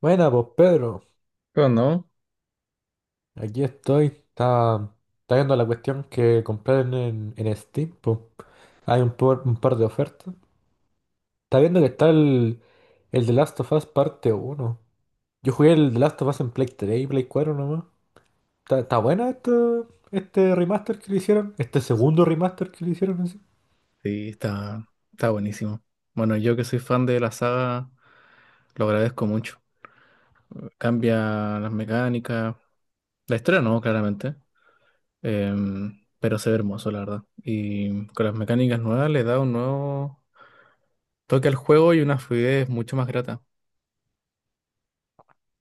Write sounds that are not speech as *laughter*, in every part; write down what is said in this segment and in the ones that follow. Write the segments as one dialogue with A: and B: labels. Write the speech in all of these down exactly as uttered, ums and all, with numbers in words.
A: Buena, pues Pedro,
B: Pero no.
A: aquí estoy. Está, está viendo la cuestión que compré en, en, en Steam, pues. Hay un, por- un par de ofertas. Está viendo que está el, el The Last of Us parte uno. Yo jugué el The Last of Us en Play tres y Play Cuatro, nomás. Está, está buena esta- este remaster que le hicieron, este segundo remaster que le hicieron así.
B: Sí, está, está buenísimo. Bueno, yo que soy fan de la saga, lo agradezco mucho. Cambia las mecánicas, la historia no, claramente, em, pero se ve hermoso, la verdad. Y con las mecánicas nuevas le da un nuevo toque al juego y una fluidez mucho más grata.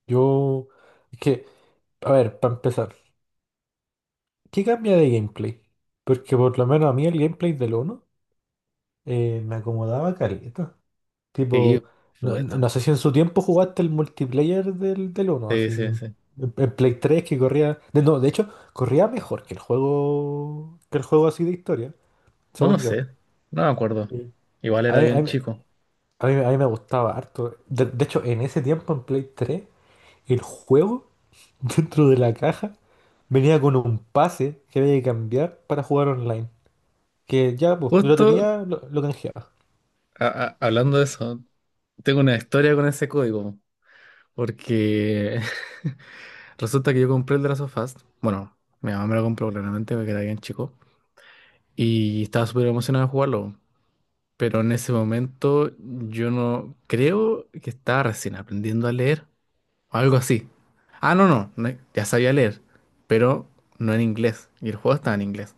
A: Yo. Es que, a ver, para empezar, ¿qué cambia de gameplay? Porque por lo menos a mí el gameplay del uno eh, me acomodaba carita.
B: Sí,
A: Tipo,
B: por
A: no, no-
B: supuesto.
A: no sé si en su tiempo jugaste el multiplayer del, del uno,
B: Sí,
A: así,
B: sí,
A: en,
B: sí.
A: en Play tres que corría... de- no, de hecho, corría mejor que el juego, que el juego así de historia,
B: No, no
A: según yo.
B: sé, no me acuerdo.
A: Sí.
B: Igual
A: A
B: era
A: mí, a
B: bien
A: mí-
B: chico.
A: a mí- a mí me gustaba harto. De, de hecho, en ese tiempo en Play tres, el juego *laughs* dentro de la caja venía con un pase que había que cambiar para jugar online. Que ya, pues, yo lo
B: Justo
A: tenía, lo, lo canjeaba.
B: a- a- hablando de eso, tengo una historia con ese código, porque *laughs* resulta que yo compré el The Last of Us. Bueno, mi mamá me lo compró claramente porque era bien chico. Y estaba súper emocionado de jugarlo. Pero en ese momento yo no creo que estaba recién aprendiendo a leer o algo así. Ah, no, no, no, ya sabía leer, pero no en inglés. Y el juego estaba en inglés,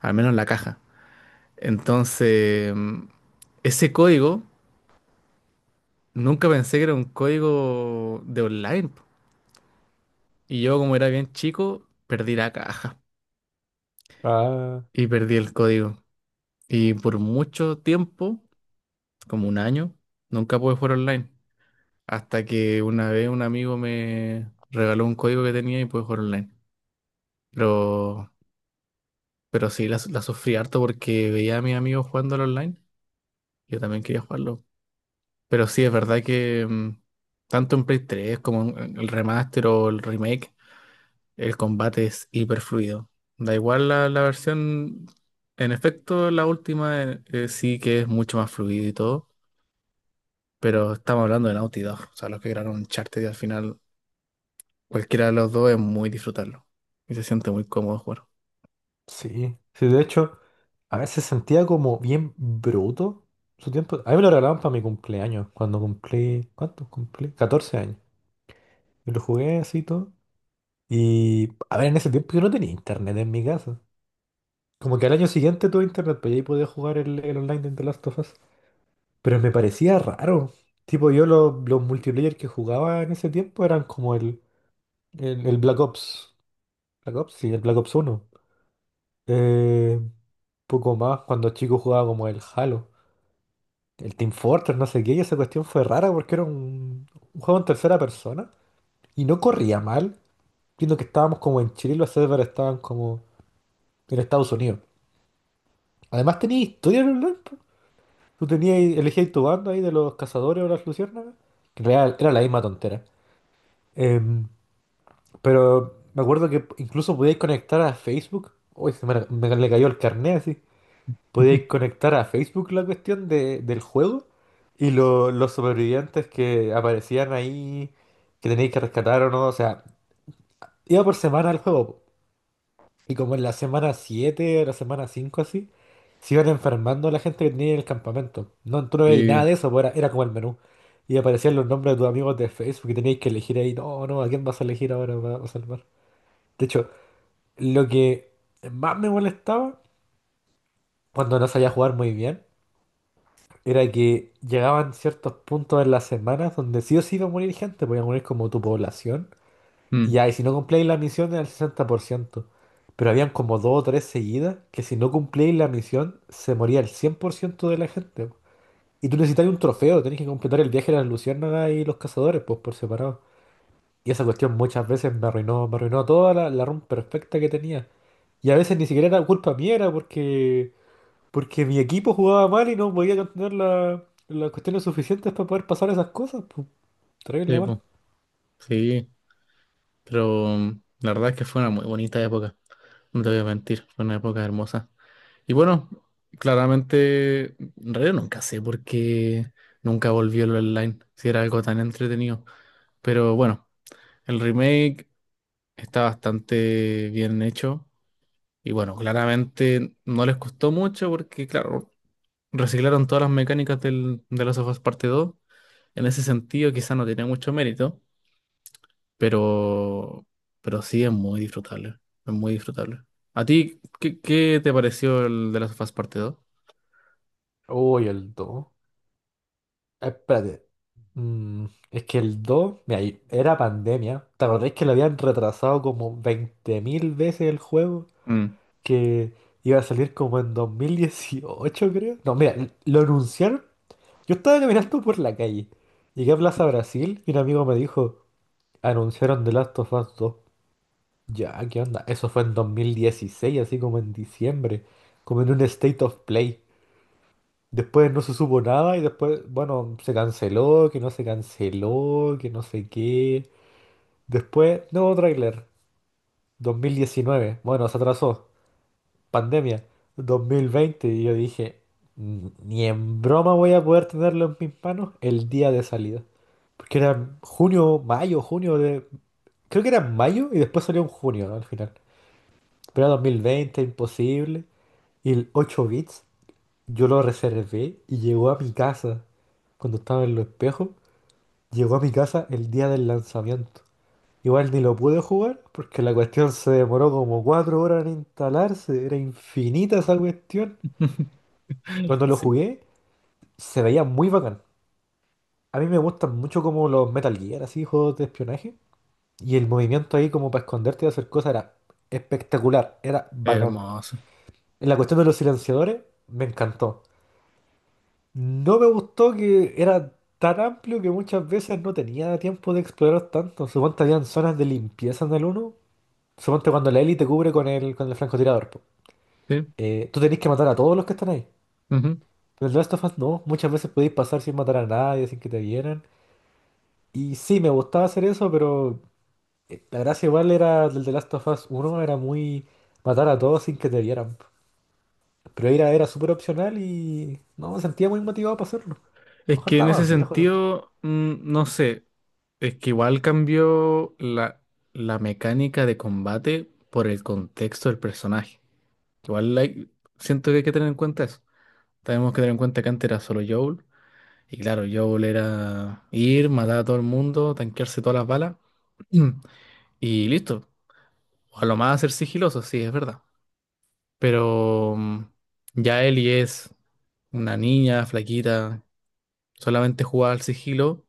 B: al menos la caja. Entonces, mm, ese código nunca pensé que era un código de online, po. Y yo, como era bien chico, perdí la caja
A: Ah,
B: y perdí el código. Y por mucho tiempo, como un año, nunca pude jugar online. Hasta que una vez un amigo me regaló un código que tenía y pude jugar online. Pero, pero sí, la, la sufrí harto porque veía a mis amigos jugando al online. Yo también quería jugarlo. Pero sí, es verdad que mm, tanto en Play tres como en el remaster o el remake, el combate es hiper fluido. Da igual la, la versión, en efecto, la última eh, eh, sí que es mucho más fluido y todo. Pero estamos hablando de Naughty Dog, o sea, los que crearon Uncharted, y al final cualquiera de los dos es muy disfrutarlo y se siente muy cómodo jugar.
A: sí. Sí, de hecho. A veces sentía como bien bruto su tiempo. A mí me lo regalaban para mi cumpleaños, cuando cumplí, ¿cuánto cumplí? Catorce años. Y lo jugué así y todo. Y, a ver, en ese tiempo yo no tenía internet en mi casa. Como que al año siguiente tuve internet, pues ahí podía jugar el, el online de The Last of Us. Pero me parecía raro. Tipo, yo lo- los multiplayer que jugaba en ese tiempo eran como el, el, el Black Ops. Black Ops, sí, el Black Ops uno. Eh, poco más, cuando chico jugaba como el Halo, el Team Fortress, no sé qué. Y esa cuestión fue rara porque era un, un juego en tercera persona y no corría mal, viendo que estábamos como en Chile y los servers estaban como en Estados Unidos. Además tenía historia en online, po. Tú tenías, elegías tu bando ahí de los cazadores o las luciérnagas, que en realidad era la misma tontera. Em, pero me acuerdo que incluso podías conectar a Facebook. Uy, se me, me le cayó el carnet así. Podíais
B: *laughs*
A: conectar a Facebook la cuestión de- del juego y lo- los sobrevivientes que aparecían ahí, que tenéis que rescatar o no, o sea, iba por semana el juego, po. Y como en la semana siete o la semana cinco así, se iban enfermando la gente que tenía en el campamento. No, tú no veías nada
B: Sí,
A: de eso, po, era, era como el menú. Y aparecían los nombres de tus amigos de Facebook y teníais que elegir ahí, no, no, ¿a quién vas a elegir ahora para salvar? De hecho, lo que más me molestaba cuando no sabía jugar muy bien era que llegaban ciertos puntos en las semanas donde sí o sí iba a morir gente, voy a morir como tu población. Y
B: mm,
A: ya, y si no cumplíais la misión era el sesenta por ciento, pero habían como dos o tres seguidas que si no cumplíais la misión se moría el cien por ciento de la gente. Y tú necesitabas un trofeo, tenés que completar el viaje de las luciérnagas y los cazadores, pues por separado. Y esa cuestión muchas veces me arruinó, me arruinó toda la, la run perfecta que tenía. Y a veces ni siquiera era culpa mía, era porque porque mi equipo jugaba mal y no podía tener la- las cuestiones suficientes para poder pasar esas cosas. Pues, terrible
B: sí,
A: mal.
B: po, sí, pero mm, la verdad es que fue una muy bonita época, no te voy a mentir, fue una época hermosa. Y bueno, claramente, en realidad nunca sé por qué nunca volvió el online, si era algo tan entretenido. Pero bueno, el remake está bastante bien hecho. Y bueno, claramente no les costó mucho porque, claro, reciclaron todas las mecánicas del, de Last of Us Parte dos. En ese sentido, quizá no tiene mucho mérito, pero, pero sí es muy disfrutable. Es muy disfrutable. ¿A ti qué, qué te pareció el de Last of Us Parte dos?
A: Uy, el dos. Eh, Espérate. Mm, es que el dos, mira, y era pandemia. ¿Te acordáis que lo habían retrasado como veinte mil veces el juego?
B: Mm.
A: Que iba a salir como en dos mil dieciocho, creo. No, mira, l- lo anunciaron. Yo estaba caminando por la calle. Llegué a Plaza Brasil y un amigo me dijo, anunciaron The Last of Us dos. Ya, ¿qué onda? Eso fue en dos mil dieciséis, así como en diciembre, como en un State of Play. Después no se supo nada y después, bueno, se canceló, que no se canceló, que no sé qué. Después, nuevo tráiler, dos mil diecinueve, bueno, se atrasó, pandemia, dos mil veinte, y yo dije, "N- Ni en broma voy a poder tenerlo en mis manos el día de salida". Porque era junio, mayo, junio de... Creo que era en mayo y después salió en junio, ¿no? Al final. Pero era dos mil veinte, imposible. Y el ocho bits, yo lo reservé y llegó a mi casa. Cuando estaba en los espejos, llegó a mi casa el día del lanzamiento. Igual ni lo pude jugar porque la cuestión se demoró como cuatro horas en instalarse. Era infinita esa cuestión.
B: *laughs*
A: Cuando lo
B: Sí,
A: jugué, se veía muy bacán. A mí me gustan mucho como los Metal Gear, así, juegos de espionaje. Y el movimiento ahí como para esconderte y hacer cosas era espectacular, era bacán.
B: hermoso.
A: En la cuestión de los silenciadores, me encantó. No me gustó que era tan amplio que muchas veces no tenía tiempo de explorar tanto. Suponte habían zonas de limpieza en el uno. Suponte cuando la Ellie te cubre con el, con el francotirador, po.
B: Sí,
A: Eh, tú tenés que matar a todos los que están ahí.
B: ujú.
A: Pero en The Last of Us no. Muchas veces podéis pasar sin matar a nadie, sin que te vieran. Y sí, me gustaba hacer eso, pero eh, la gracia igual era del The Last of Us uno era muy matar a todos sin que te vieran, po. Pero era, era súper opcional y no me sentía muy motivado para hacerlo. A lo
B: Es
A: mejor
B: que en
A: estaba
B: ese
A: más viejo, ¿no?
B: sentido, mm, no sé, es que igual cambió la, la mecánica de combate por el contexto del personaje. Igual like, siento que hay que tener en cuenta eso. Tenemos que tener en cuenta que antes era solo Joel. Y claro, Joel era ir, matar a todo el mundo, tanquearse todas las balas. *clears throat* Y listo. O a lo más ser sigiloso, sí, es verdad. Pero mm, ya Ellie es una niña flaquita, solamente jugaba al sigilo.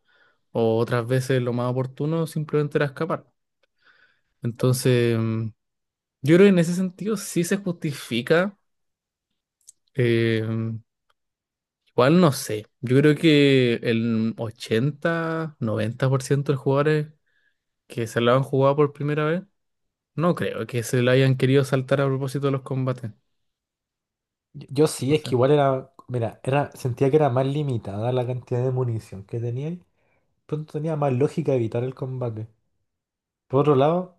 B: O otras veces lo más oportuno simplemente era escapar. Entonces, mm, yo creo que en ese sentido sí se justifica. eh, ¿Cuál? No sé. Yo creo que el ochenta, noventa por ciento de los jugadores que se la han jugado por primera vez, no creo que se la hayan querido saltar a propósito de los combates.
A: Yo yo sí,
B: O
A: es que
B: sea,
A: igual era, mira, era, sentía que era más limitada la cantidad de munición que tenía y pronto tenía más lógica evitar el combate. Por otro lado,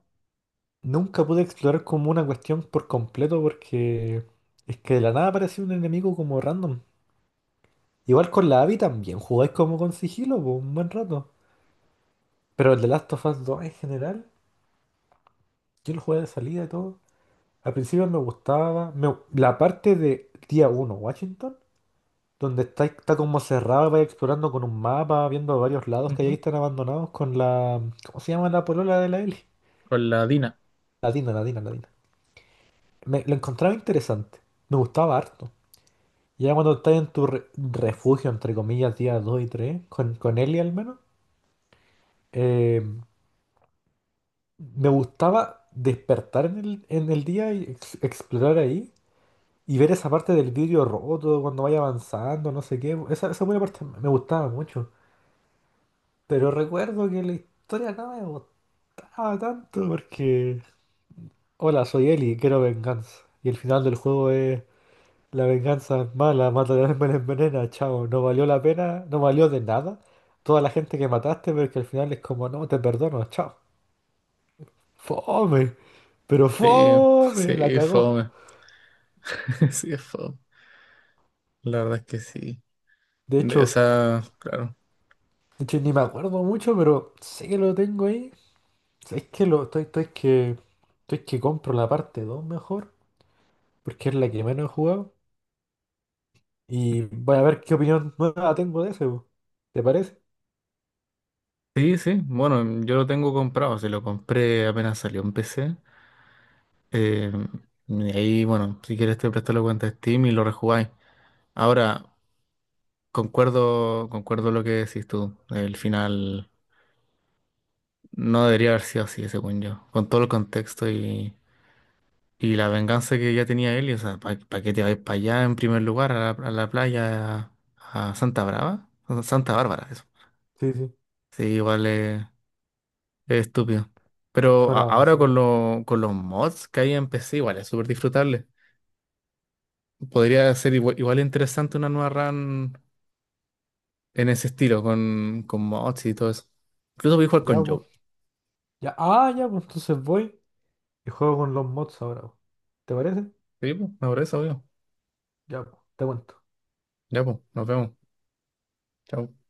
A: nunca pude explorar como una cuestión por completo porque es que de la nada aparecía un enemigo como random. Igual con la A V I también, jugáis como con sigilo por un buen rato. Pero el de Last of Us dos en general, yo lo jugué de salida y todo. Al principio me gustaba me- la parte de día uno Washington. Donde está, está como cerrado, vais explorando con un mapa, viendo varios lados que ahí
B: ujú.
A: están abandonados con la... ¿Cómo se llama la polola de la Eli?
B: Con la Dina.
A: La Dina, la Dina, la Dina. Me, lo encontraba interesante. Me gustaba harto. Ya cuando estás en tu re- refugio, entre comillas, día dos y tres con, con Eli al menos, eh, me gustaba despertar en el, en el día y ex- explorar ahí y ver esa parte del vidrio roto cuando vaya avanzando, no sé qué. Esa, esa buena parte me me gustaba mucho. Pero recuerdo que la historia nada me gustaba. Ah, tanto porque... Hola, soy Eli, quiero venganza. Y el final del juego es... La venganza es mala, mata a me la envenena, chao. No valió la pena, no valió de nada. Toda la gente que mataste, pero que al final es como, no, te perdono, chao. Fome, pero
B: Sí, *laughs* sí,
A: fome, la
B: es
A: cagó.
B: fome. *laughs* Sí, es fome. La verdad es que sí.
A: De
B: De
A: hecho,
B: esa, claro.
A: de hecho ni me acuerdo mucho, pero sé que lo tengo ahí. Es que lo, estoy, estoy que, estoy que compro la parte dos mejor, porque es la que menos he jugado. Y voy a ver qué opinión nueva tengo de ese, po. ¿Te parece?
B: Sí, sí. Bueno, yo lo tengo comprado. Se lo compré apenas salió en P C. Eh, y ahí, bueno, si quieres te presto la cuenta de Steam y lo rejugáis. Ahora, concuerdo, concuerdo lo que decís tú. El final no debería haber sido así, según yo. Con todo el contexto y, y la venganza que ya tenía él. Y, o sea, ¿para qué te vais para allá en primer lugar, a la, a la playa, a Santa Brava? O Santa Bárbara, eso.
A: Sí, sí,
B: Sí, igual es, es estúpido. Pero
A: fue
B: a-
A: una
B: ahora con,
A: basura.
B: lo- con los mods que hay en P C, igual es súper disfrutable. Podría ser igual, igual interesante una nueva run en ese estilo, con, con mods y todo eso. Incluso voy a jugar
A: Ya,
B: con
A: pues.
B: Joel.
A: Ya, ah, ya, pues entonces voy y juego con los mods ahora, po. ¿Te parece?
B: Sí, pues, me parece, obvio.
A: Ya, pues, te cuento.
B: Ya, pues, nos vemos. Chao.